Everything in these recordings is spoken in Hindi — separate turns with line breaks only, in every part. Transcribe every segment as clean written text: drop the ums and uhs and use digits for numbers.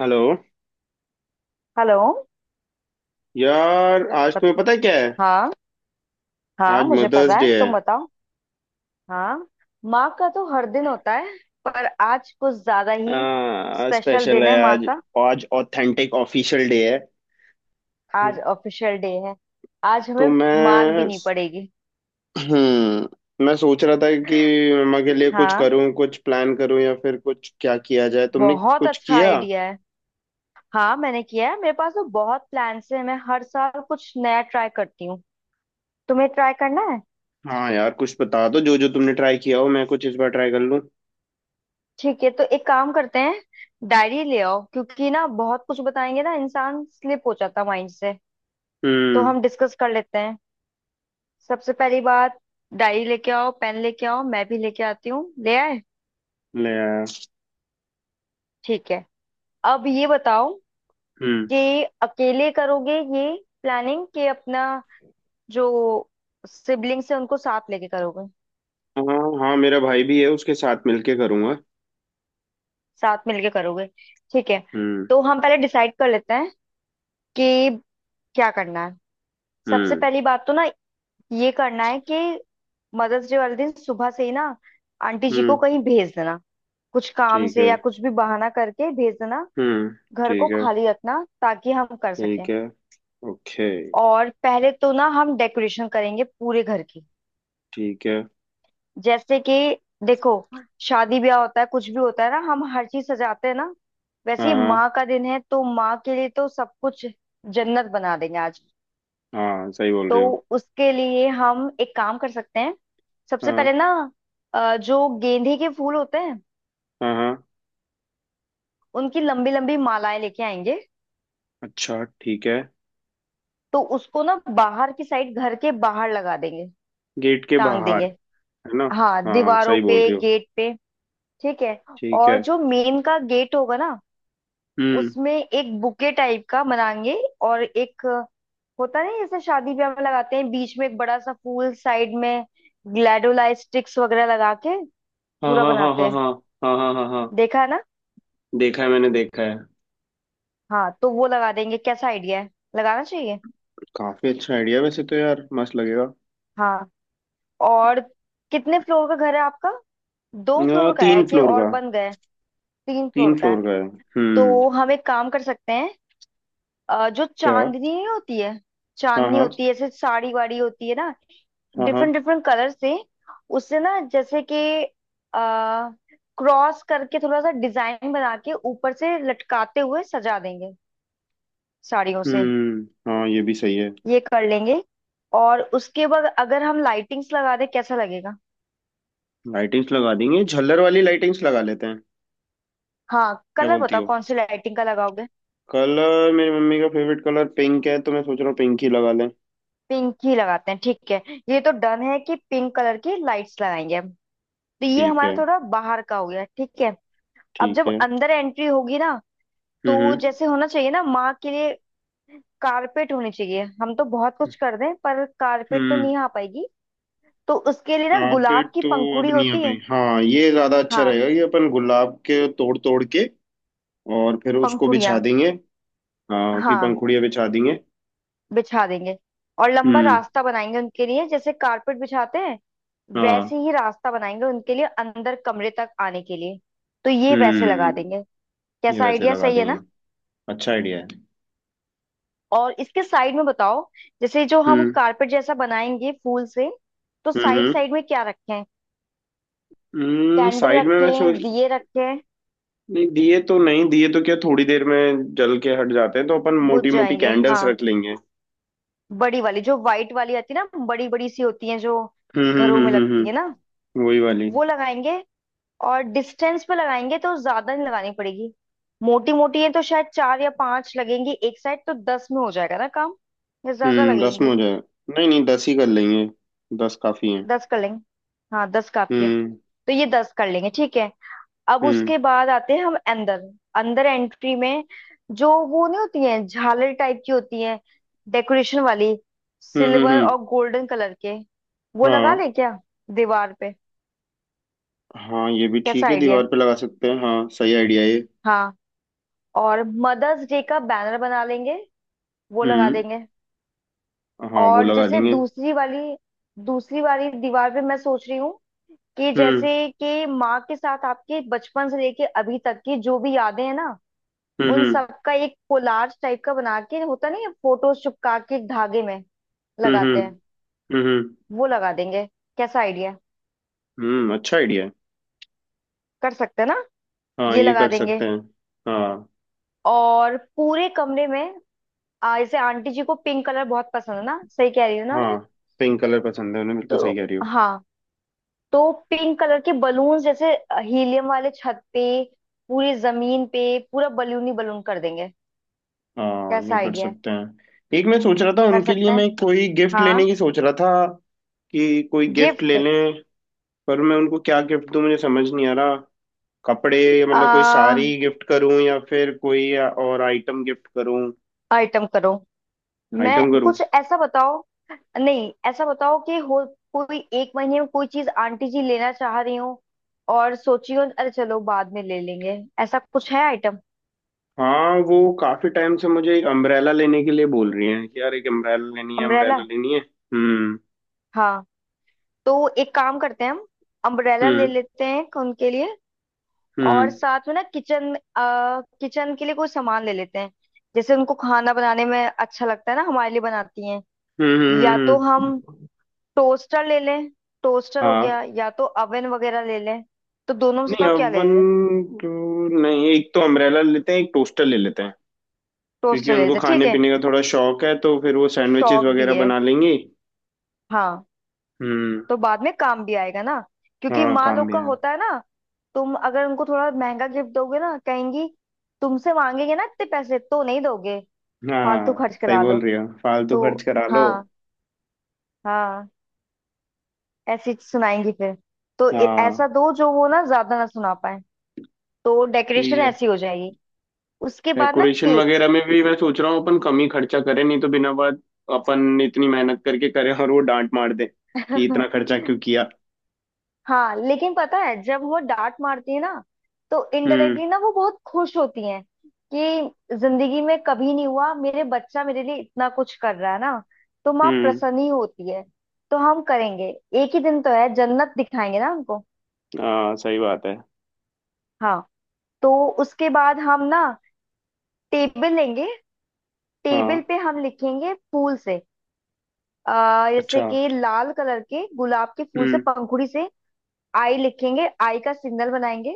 हेलो।
हेलो।
यार, आज
बत-
तुम्हें पता है क्या है?
हाँ। हाँ,
आज
मुझे
मदर्स
पता
डे
है,
है।
तुम बताओ। हाँ, माँ का तो हर दिन होता है, पर आज कुछ ज्यादा ही स्पेशल
स्पेशल
दिन
है
है माँ
आज।
का।
आज ऑथेंटिक ऑफिशियल डे है।
आज ऑफिशियल डे है, आज
तो
हमें मार भी नहीं पड़ेगी।
मैं सोच रहा था कि मम्मा के लिए कुछ
हाँ,
करूं, कुछ प्लान करूं, या फिर कुछ क्या किया जाए? तुमने
बहुत
कुछ
अच्छा
किया?
आइडिया है। हाँ, मैंने किया है, मेरे पास तो बहुत प्लान्स हैं। मैं हर साल कुछ नया ट्राई करती हूँ। तुम्हें ट्राई करना है।
हाँ यार, कुछ बता दो जो जो तुमने ट्राई किया हो, मैं कुछ इस बार ट्राई कर लूं।
ठीक है, तो एक काम करते हैं। डायरी ले आओ, क्योंकि ना बहुत कुछ बताएंगे ना, इंसान स्लिप हो जाता माइंड से। तो
हम्म।
हम डिस्कस कर लेते हैं। सबसे पहली बात, डायरी लेके आओ, पेन लेके आओ, मैं भी लेके आती हूँ। ले आए?
ले आया।
ठीक है, अब ये बताओ
हम्म।
कि अकेले करोगे ये प्लानिंग कि अपना जो सिबलिंग्स है उनको साथ लेके करोगे।
हाँ। हाँ, मेरा भाई भी है, उसके साथ मिलके करूंगा।
साथ मिलके करोगे, ठीक है।
हम्म,
तो हम पहले डिसाइड कर लेते हैं कि क्या करना है। सबसे
हम्म,
पहली बात तो ना, ये करना है कि मदर्स डे वाले दिन सुबह से ही ना आंटी जी को
हम्म,
कहीं भेज देना, कुछ काम
ठीक
से
है।
या कुछ भी बहाना करके भेज देना।
हम्म,
घर को
ठीक है।
खाली रखना ताकि हम कर
ठीक
सकें।
है। ओके।
और पहले तो ना हम डेकोरेशन करेंगे पूरे घर की।
ठीक है।
जैसे कि देखो, शादी ब्याह होता है, कुछ भी होता है ना, हम हर चीज सजाते हैं ना, वैसे
हाँ,
ही
हाँ,
माँ का दिन है, तो माँ के लिए तो सब कुछ जन्नत बना देंगे आज।
हाँ, सही बोल रही हो।
तो उसके लिए हम एक काम कर सकते हैं। सबसे
हाँ,
पहले ना जो गेंदे के फूल होते हैं,
हाँ, हाँ।
उनकी लंबी लंबी मालाएं लेके आएंगे।
अच्छा, ठीक है।
तो उसको ना बाहर की साइड, घर के बाहर लगा देंगे,
गेट के
टांग
बाहर?
देंगे।
है ना?
हाँ,
हाँ,
दीवारों
सही बोल
पे,
रही हो।
गेट पे। ठीक है।
ठीक
और
है।
जो मेन का गेट होगा ना,
हम्म,
उसमें एक बुके टाइप का बनाएंगे। और एक होता नहीं, जैसे शादी ब्याह में लगाते हैं, बीच में एक बड़ा सा फूल, साइड में ग्लैडोलाइट स्टिक्स वगैरह लगा के
हाँ,
पूरा
हाँ, हाँ,
बनाते
हाँ,
हैं।
हाँ, हाँ, हाँ, हाँ, हाँ।
देखा है ना?
देखा है, मैंने देखा है।
हाँ, तो वो लगा देंगे। कैसा आइडिया है, लगाना चाहिए।
काफी अच्छा आइडिया, वैसे तो यार मस्त लगेगा।
हाँ। और कितने फ्लोर का घर है आपका? दो फ्लोर का है
तीन
कि
फ्लोर
और
का।
बन गए? तीन
तीन
फ्लोर का
फ्लोर
है।
का है। हम्म।
तो हम एक काम कर सकते हैं। जो
क्या?
चांदनी नहीं होती है,
हाँ,
चांदनी
हाँ,
होती है ऐसे, साड़ी वाड़ी होती है ना,
हाँ, हाँ।
डिफरेंट डिफरेंट कलर से। उससे ना, जैसे कि आ, क्रॉस करके थोड़ा सा डिजाइन बना के ऊपर से लटकाते हुए सजा देंगे, साड़ियों से।
हम्म, हाँ, ये भी सही है।
ये कर लेंगे। और उसके बाद अगर हम लाइटिंग्स लगा दें कैसा लगेगा?
लाइटिंग्स लगा देंगे, झल्लर वाली लाइटिंग्स लगा लेते हैं।
हाँ,
क्या
कलर
बोलती
बताओ,
हो।
कौन सी लाइटिंग का लगाओगे।
कलर मेरी मम्मी का फेवरेट कलर पिंक है, तो मैं सोच रहा हूँ पिंक ही लगा लें।
पिंक ही लगाते हैं, ठीक है। ये तो डन है कि पिंक कलर की लाइट्स लगाएंगे हम। तो ये
ठीक है।
हमारा थोड़ा बाहर का हो गया, ठीक है। अब
ठीक
जब
है।
अंदर एंट्री होगी ना, तो
हम्म।
जैसे होना चाहिए ना माँ के लिए, कारपेट होनी चाहिए। हम तो बहुत कुछ कर दें, पर कारपेट तो
हम्म।
नहीं आ पाएगी। तो उसके लिए ना,
कारपेट
गुलाब की
तो अब
पंखुड़ी
नहीं आ
होती
पाई।
है।
हाँ, ये ज्यादा अच्छा
हाँ,
रहेगा कि अपन गुलाब के तोड़ तोड़ के और फिर उसको बिछा
पंखुड़ियाँ।
देंगे। हाँ, उसकी
हाँ,
पंखुड़ियाँ बिछा देंगे।
बिछा देंगे। और लंबा
हम्म।
रास्ता बनाएंगे उनके लिए, जैसे कारपेट बिछाते हैं
हाँ।
वैसे ही रास्ता बनाएंगे उनके लिए, अंदर कमरे तक आने के लिए। तो ये वैसे लगा देंगे।
हम्म। ये
कैसा
वैसे
आइडिया,
लगा
सही है ना?
देंगे। अच्छा आइडिया है।
और इसके साइड में बताओ, जैसे जो हम
हम्म
कारपेट जैसा बनाएंगे फूल से, तो साइड
हम्म
साइड में क्या रखें? कैंडल
साइड में मैं
रखें,
सोच।
दिए रखें?
नहीं, दिए तो नहीं, दिए तो क्या थोड़ी देर में जल के हट जाते हैं, तो अपन
बुझ
मोटी मोटी
जाएंगे,
कैंडल्स
हाँ।
रख लेंगे।
बड़ी वाली जो व्हाइट वाली आती है ना, बड़ी बड़ी सी होती है जो
हम्म, हम्म,
घरों में
हम्म, हम्म,
लगती है ना,
वही वाली।
वो लगाएंगे। और डिस्टेंस पे लगाएंगे तो ज्यादा नहीं लगानी पड़ेगी। मोटी मोटी है तो शायद 4 या 5 लगेंगी एक साइड, तो 10 में हो जाएगा ना काम, या ज्यादा
दस में
लगेंगे?
हो जाए। नहीं नहीं, दस ही कर लेंगे। दस काफी है।
10 कर लेंगे। हाँ, 10 काफी है।
हम्म,
तो ये 10 कर लेंगे, ठीक है। अब
हम्म,
उसके बाद आते हैं हम अंदर। अंदर एंट्री में, जो वो नहीं होती है, झालर टाइप की होती है, डेकोरेशन वाली,
हम्म, हम्म,
सिल्वर और गोल्डन कलर के, वो लगा
हाँ,
ले क्या दीवार पे?
हाँ, ये भी
कैसा
ठीक है,
आइडिया है?
दीवार पे लगा सकते हैं, हाँ सही आइडिया है ये।
हाँ। और मदर्स डे का बैनर बना लेंगे, वो लगा
हम्म।
देंगे।
हाँ, वो
और
लगा
जैसे
देंगे।
दूसरी वाली दीवार पे मैं सोच रही हूँ कि
हम्म,
जैसे कि माँ के साथ आपके बचपन से लेके अभी तक की जो भी यादें हैं ना,
हम्म,
उन
हम्म,
सबका एक कोलाज टाइप का बना के, होता नहीं है फोटोज चिपका के एक धागे में
हम्म, हम्म,
लगाते हैं,
हम्म,
वो लगा देंगे। कैसा आइडिया?
अच्छा आइडिया है।
कर सकते हैं ना,
हाँ,
ये
ये
लगा
कर
देंगे।
सकते हैं। हाँ।
और पूरे कमरे में जैसे आंटी जी को पिंक कलर बहुत पसंद है ना, सही कह रही हूँ ना मैं?
हाँ, पिंक कलर पसंद है उन्हें, बिल्कुल सही
तो
कह रही हो।
हाँ, तो पिंक कलर के बलून, जैसे हीलियम वाले, छत पे, पूरी जमीन पे, पूरा बलून ही बलून कर देंगे।
हाँ, ये
कैसा
कर
आइडिया है?
सकते हैं। एक मैं सोच रहा था
कर
उनके लिए,
सकते हैं,
मैं कोई गिफ्ट लेने
हाँ।
की सोच रहा था कि कोई गिफ्ट ले
गिफ्ट?
लें। पर मैं उनको क्या गिफ्ट दूं, मुझे समझ नहीं आ रहा। कपड़े? मतलब कोई
आ
साड़ी गिफ्ट करूं या फिर कोई और आइटम गिफ्ट करूं?
आइटम करो। मैं,
आइटम करूं?
कुछ ऐसा बताओ, नहीं ऐसा बताओ कि हो कोई एक महीने में कोई चीज आंटी जी लेना चाह रही हूँ और सोची हो अरे चलो बाद में ले लेंगे, ऐसा कुछ है आइटम?
हाँ, वो काफी टाइम से मुझे एक अम्ब्रेला लेने के लिए बोल रही हैं कि यार एक अम्ब्रेला लेनी है,
अम्ब्रेला?
अम्ब्रेला लेनी है। हम्म।
हाँ, तो एक काम करते हैं हम, अम्ब्रेला ले
हम्म।
लेते हैं उनके लिए। और
हम्म,
साथ में ना किचन में, किचन के लिए कोई सामान ले लेते हैं। जैसे उनको खाना बनाने में अच्छा लगता है ना, हमारे लिए बनाती हैं,
हम्म,
या तो हम
हम्म,
टोस्टर ले लें, टोस्टर हो
हाँ।
गया, या तो अवन वगैरह ले लें। तो दोनों में से
नहीं,
बताओ क्या ले
अवन।
लें?
टू। नहीं, एक तो अम्ब्रेला लेते हैं, एक टोस्टर ले लेते हैं। क्योंकि
टोस्टर ले
उनको
लेते हैं, ठीक
खाने
है।
पीने का थोड़ा शौक है, तो फिर वो सैंडविचेस
शौक भी
वगैरह
है,
बना लेंगी।
हाँ।
हम्म।
तो बाद में काम भी आएगा ना, क्योंकि
हाँ,
माँ
काम
लोग
भी
का
है।
होता है ना, तुम अगर उनको थोड़ा महंगा गिफ्ट दोगे ना, कहेंगी तुमसे, मांगेंगे ना इतने पैसे तो नहीं दोगे, फालतू
हाँ,
खर्च
सही
करा लो।
बोल रही हो, फालतू
तो
खर्च करा लो।
हाँ, हाँ, ऐसी सुनाएंगी फिर। तो
हाँ।
ऐसा दो जो वो ना ज्यादा ना सुना पाए। तो
यही
डेकोरेशन
है।
ऐसी हो जाएगी। उसके बाद ना
डेकोरेशन
केक।
वगैरह में भी मैं सोच रहा हूँ अपन कम ही खर्चा करें, नहीं तो बिना बात अपन इतनी मेहनत करके करें और वो डांट मार दे कि इतना खर्चा क्यों किया।
हाँ, लेकिन पता है जब वो डांट मारती है ना, तो
हम्म।
इनडायरेक्टली ना वो बहुत खुश होती हैं कि जिंदगी में कभी नहीं हुआ, मेरे बच्चा मेरे लिए इतना कुछ कर रहा है ना, तो माँ
हम्म।
प्रसन्न ही होती है। तो हम करेंगे, एक ही दिन तो है, जन्नत दिखाएंगे ना हमको।
हाँ, सही बात है।
हाँ। तो उसके बाद हम ना टेबल लेंगे, टेबल
हाँ।
पे हम लिखेंगे फूल से। जैसे
अच्छा।
कि लाल कलर के गुलाब के फूल से,
हम्म।
पंखुड़ी से आई लिखेंगे, आई का सिग्नल बनाएंगे,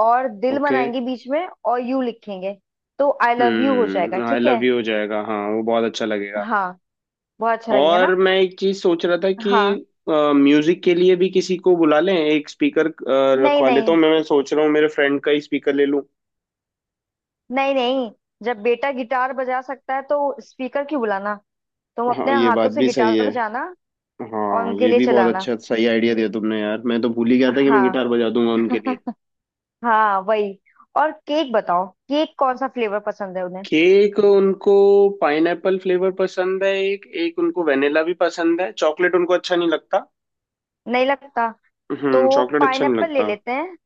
और दिल
ओके।
बनाएंगे बीच में, और यू लिखेंगे। तो आई लव यू हो जाएगा,
आई
ठीक
लव
है।
यू हो जाएगा, हाँ वो बहुत अच्छा लगेगा।
हाँ, बहुत अच्छा लगेगा
और
ना।
मैं एक चीज सोच रहा था कि
हाँ।
म्यूजिक के लिए भी किसी को बुला लें, एक स्पीकर
नहीं
रखवा लेता
नहीं,
हूँ, मैं सोच रहा हूँ मेरे फ्रेंड का ही स्पीकर ले लूँ।
नहीं नहीं, जब बेटा गिटार बजा सकता है तो स्पीकर क्यों बुलाना, तुम
हाँ,
अपने
ये
हाथों
बात
से
भी सही
गिटार
है।
बजाना और
हाँ,
उनके
ये
लिए
भी बहुत
चलाना।
अच्छा, सही आइडिया दिया तुमने यार, मैं तो भूल ही गया था कि मैं
हाँ।
गिटार बजा दूंगा उनके लिए।
हाँ, वही। और केक बताओ, केक कौन सा फ्लेवर पसंद है उन्हें?
केक उनको पाइनएप्पल फ्लेवर पसंद है, एक एक उनको वेनिला भी पसंद है, चॉकलेट उनको अच्छा नहीं लगता।
नहीं लगता? तो
चॉकलेट अच्छा नहीं
पाइनएप्पल ले
लगता।
लेते हैं।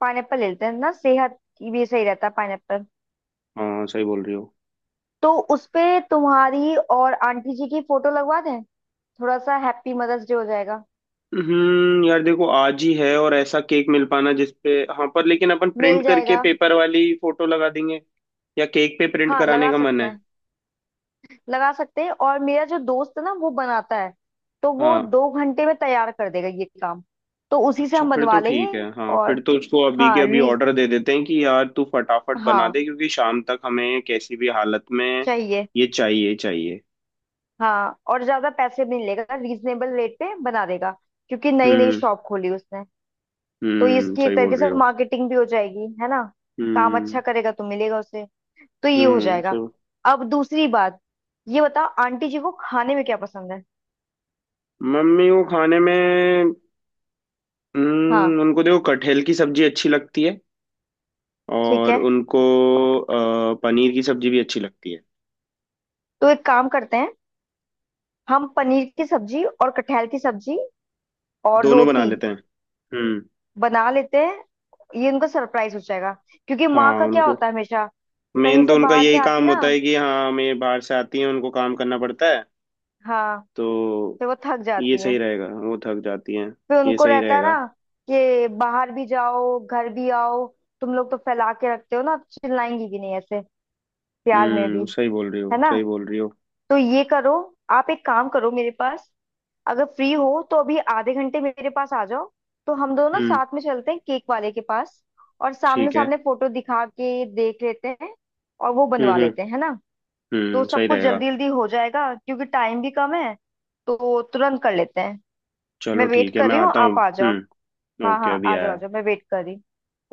पाइनएप्पल ले लेते हैं ना, सेहत की भी सही रहता है पाइनएप्पल।
हाँ, सही बोल रही हो।
तो उसपे तुम्हारी और आंटी जी की फोटो लगवा दें, थोड़ा सा हैप्पी मदर्स डे हो जाएगा।
यार देखो आज ही है और ऐसा केक मिल पाना जिसपे। हाँ, पर लेकिन अपन
मिल
प्रिंट करके
जाएगा।
पेपर वाली फोटो लगा देंगे या केक पे प्रिंट
हाँ,
कराने
लगा
का मन
सकते
है।
हैं, लगा सकते हैं। और मेरा जो दोस्त है ना, वो बनाता है, तो वो
हाँ।
2 घंटे में तैयार कर देगा ये काम। तो उसी से
अच्छा,
हम
फिर तो
बनवा
ठीक
लेंगे।
है, हाँ
और
फिर तो उसको अभी के
हाँ,
अभी
रीज,
ऑर्डर दे देते हैं कि यार तू फटाफट बना
हाँ,
दे क्योंकि शाम तक हमें कैसी भी हालत में
चाहिए।
ये चाहिए, चाहिए।
हाँ, और ज्यादा पैसे भी नहीं लेगा, रीजनेबल रेट पे बना देगा, क्योंकि नई नई
हम्म,
शॉप खोली उसने। तो
हम्म,
इसकी
सही
एक
बोल
तरीके
रही
से
हो।
मार्केटिंग भी हो जाएगी, है ना। काम अच्छा
हम्म,
करेगा तो मिलेगा उसे। तो ये हो
हम्म,
जाएगा।
सही।
अब दूसरी बात, ये बताओ आंटी जी को खाने में क्या पसंद है?
मम्मी को खाने में
हाँ।
उनको देखो कटहल की सब्जी अच्छी लगती है।
ठीक
और
है।
उनको पनीर की सब्जी भी अच्छी लगती है।
तो एक काम करते हैं, हम पनीर की सब्जी और कटहल की सब्जी और
दोनों बना
रोटी
लेते हैं। हम्म।
बना लेते हैं। ये उनका सरप्राइज हो जाएगा। क्योंकि माँ
हाँ,
का क्या
उनको
होता है, हमेशा कहीं
मेन तो
से
उनका
बाहर
यही
से आती
काम
ना,
होता है कि हाँ हमें बाहर से आती हैं उनको काम करना पड़ता है,
हाँ,
तो
फिर वो थक
ये
जाती
सही
हैं,
रहेगा, वो थक जाती हैं।
फिर
ये
उनको
सही
रहता है
रहेगा।
ना कि बाहर भी जाओ घर भी आओ, तुम लोग तो फैला के रखते हो ना, चिल्लाएंगी भी नहीं ऐसे, प्यार में भी,
सही बोल रही
है
हो,
ना।
सही बोल रही हो।
तो ये करो, आप एक काम करो, मेरे पास अगर फ्री हो तो अभी आधे घंटे मेरे पास आ जाओ। तो हम दोनों ना
हम्म।
साथ में चलते हैं केक वाले के पास, और सामने
ठीक है।
सामने फोटो दिखा के देख लेते हैं, और वो
हम्म,
बनवा
हम्म,
लेते हैं, है ना। तो
सही
सब कुछ
रहेगा।
जल्दी जल्दी हो जाएगा, क्योंकि टाइम भी कम है, तो तुरंत कर लेते हैं।
चलो
मैं वेट
ठीक है,
कर
मैं
रही हूँ,
आता हूँ।
आप आ जाओ।
हम्म।
हाँ
ओके,
हाँ,
अभी
आ जाओ आ
आया।
जाओ, मैं वेट कर रही हूँ।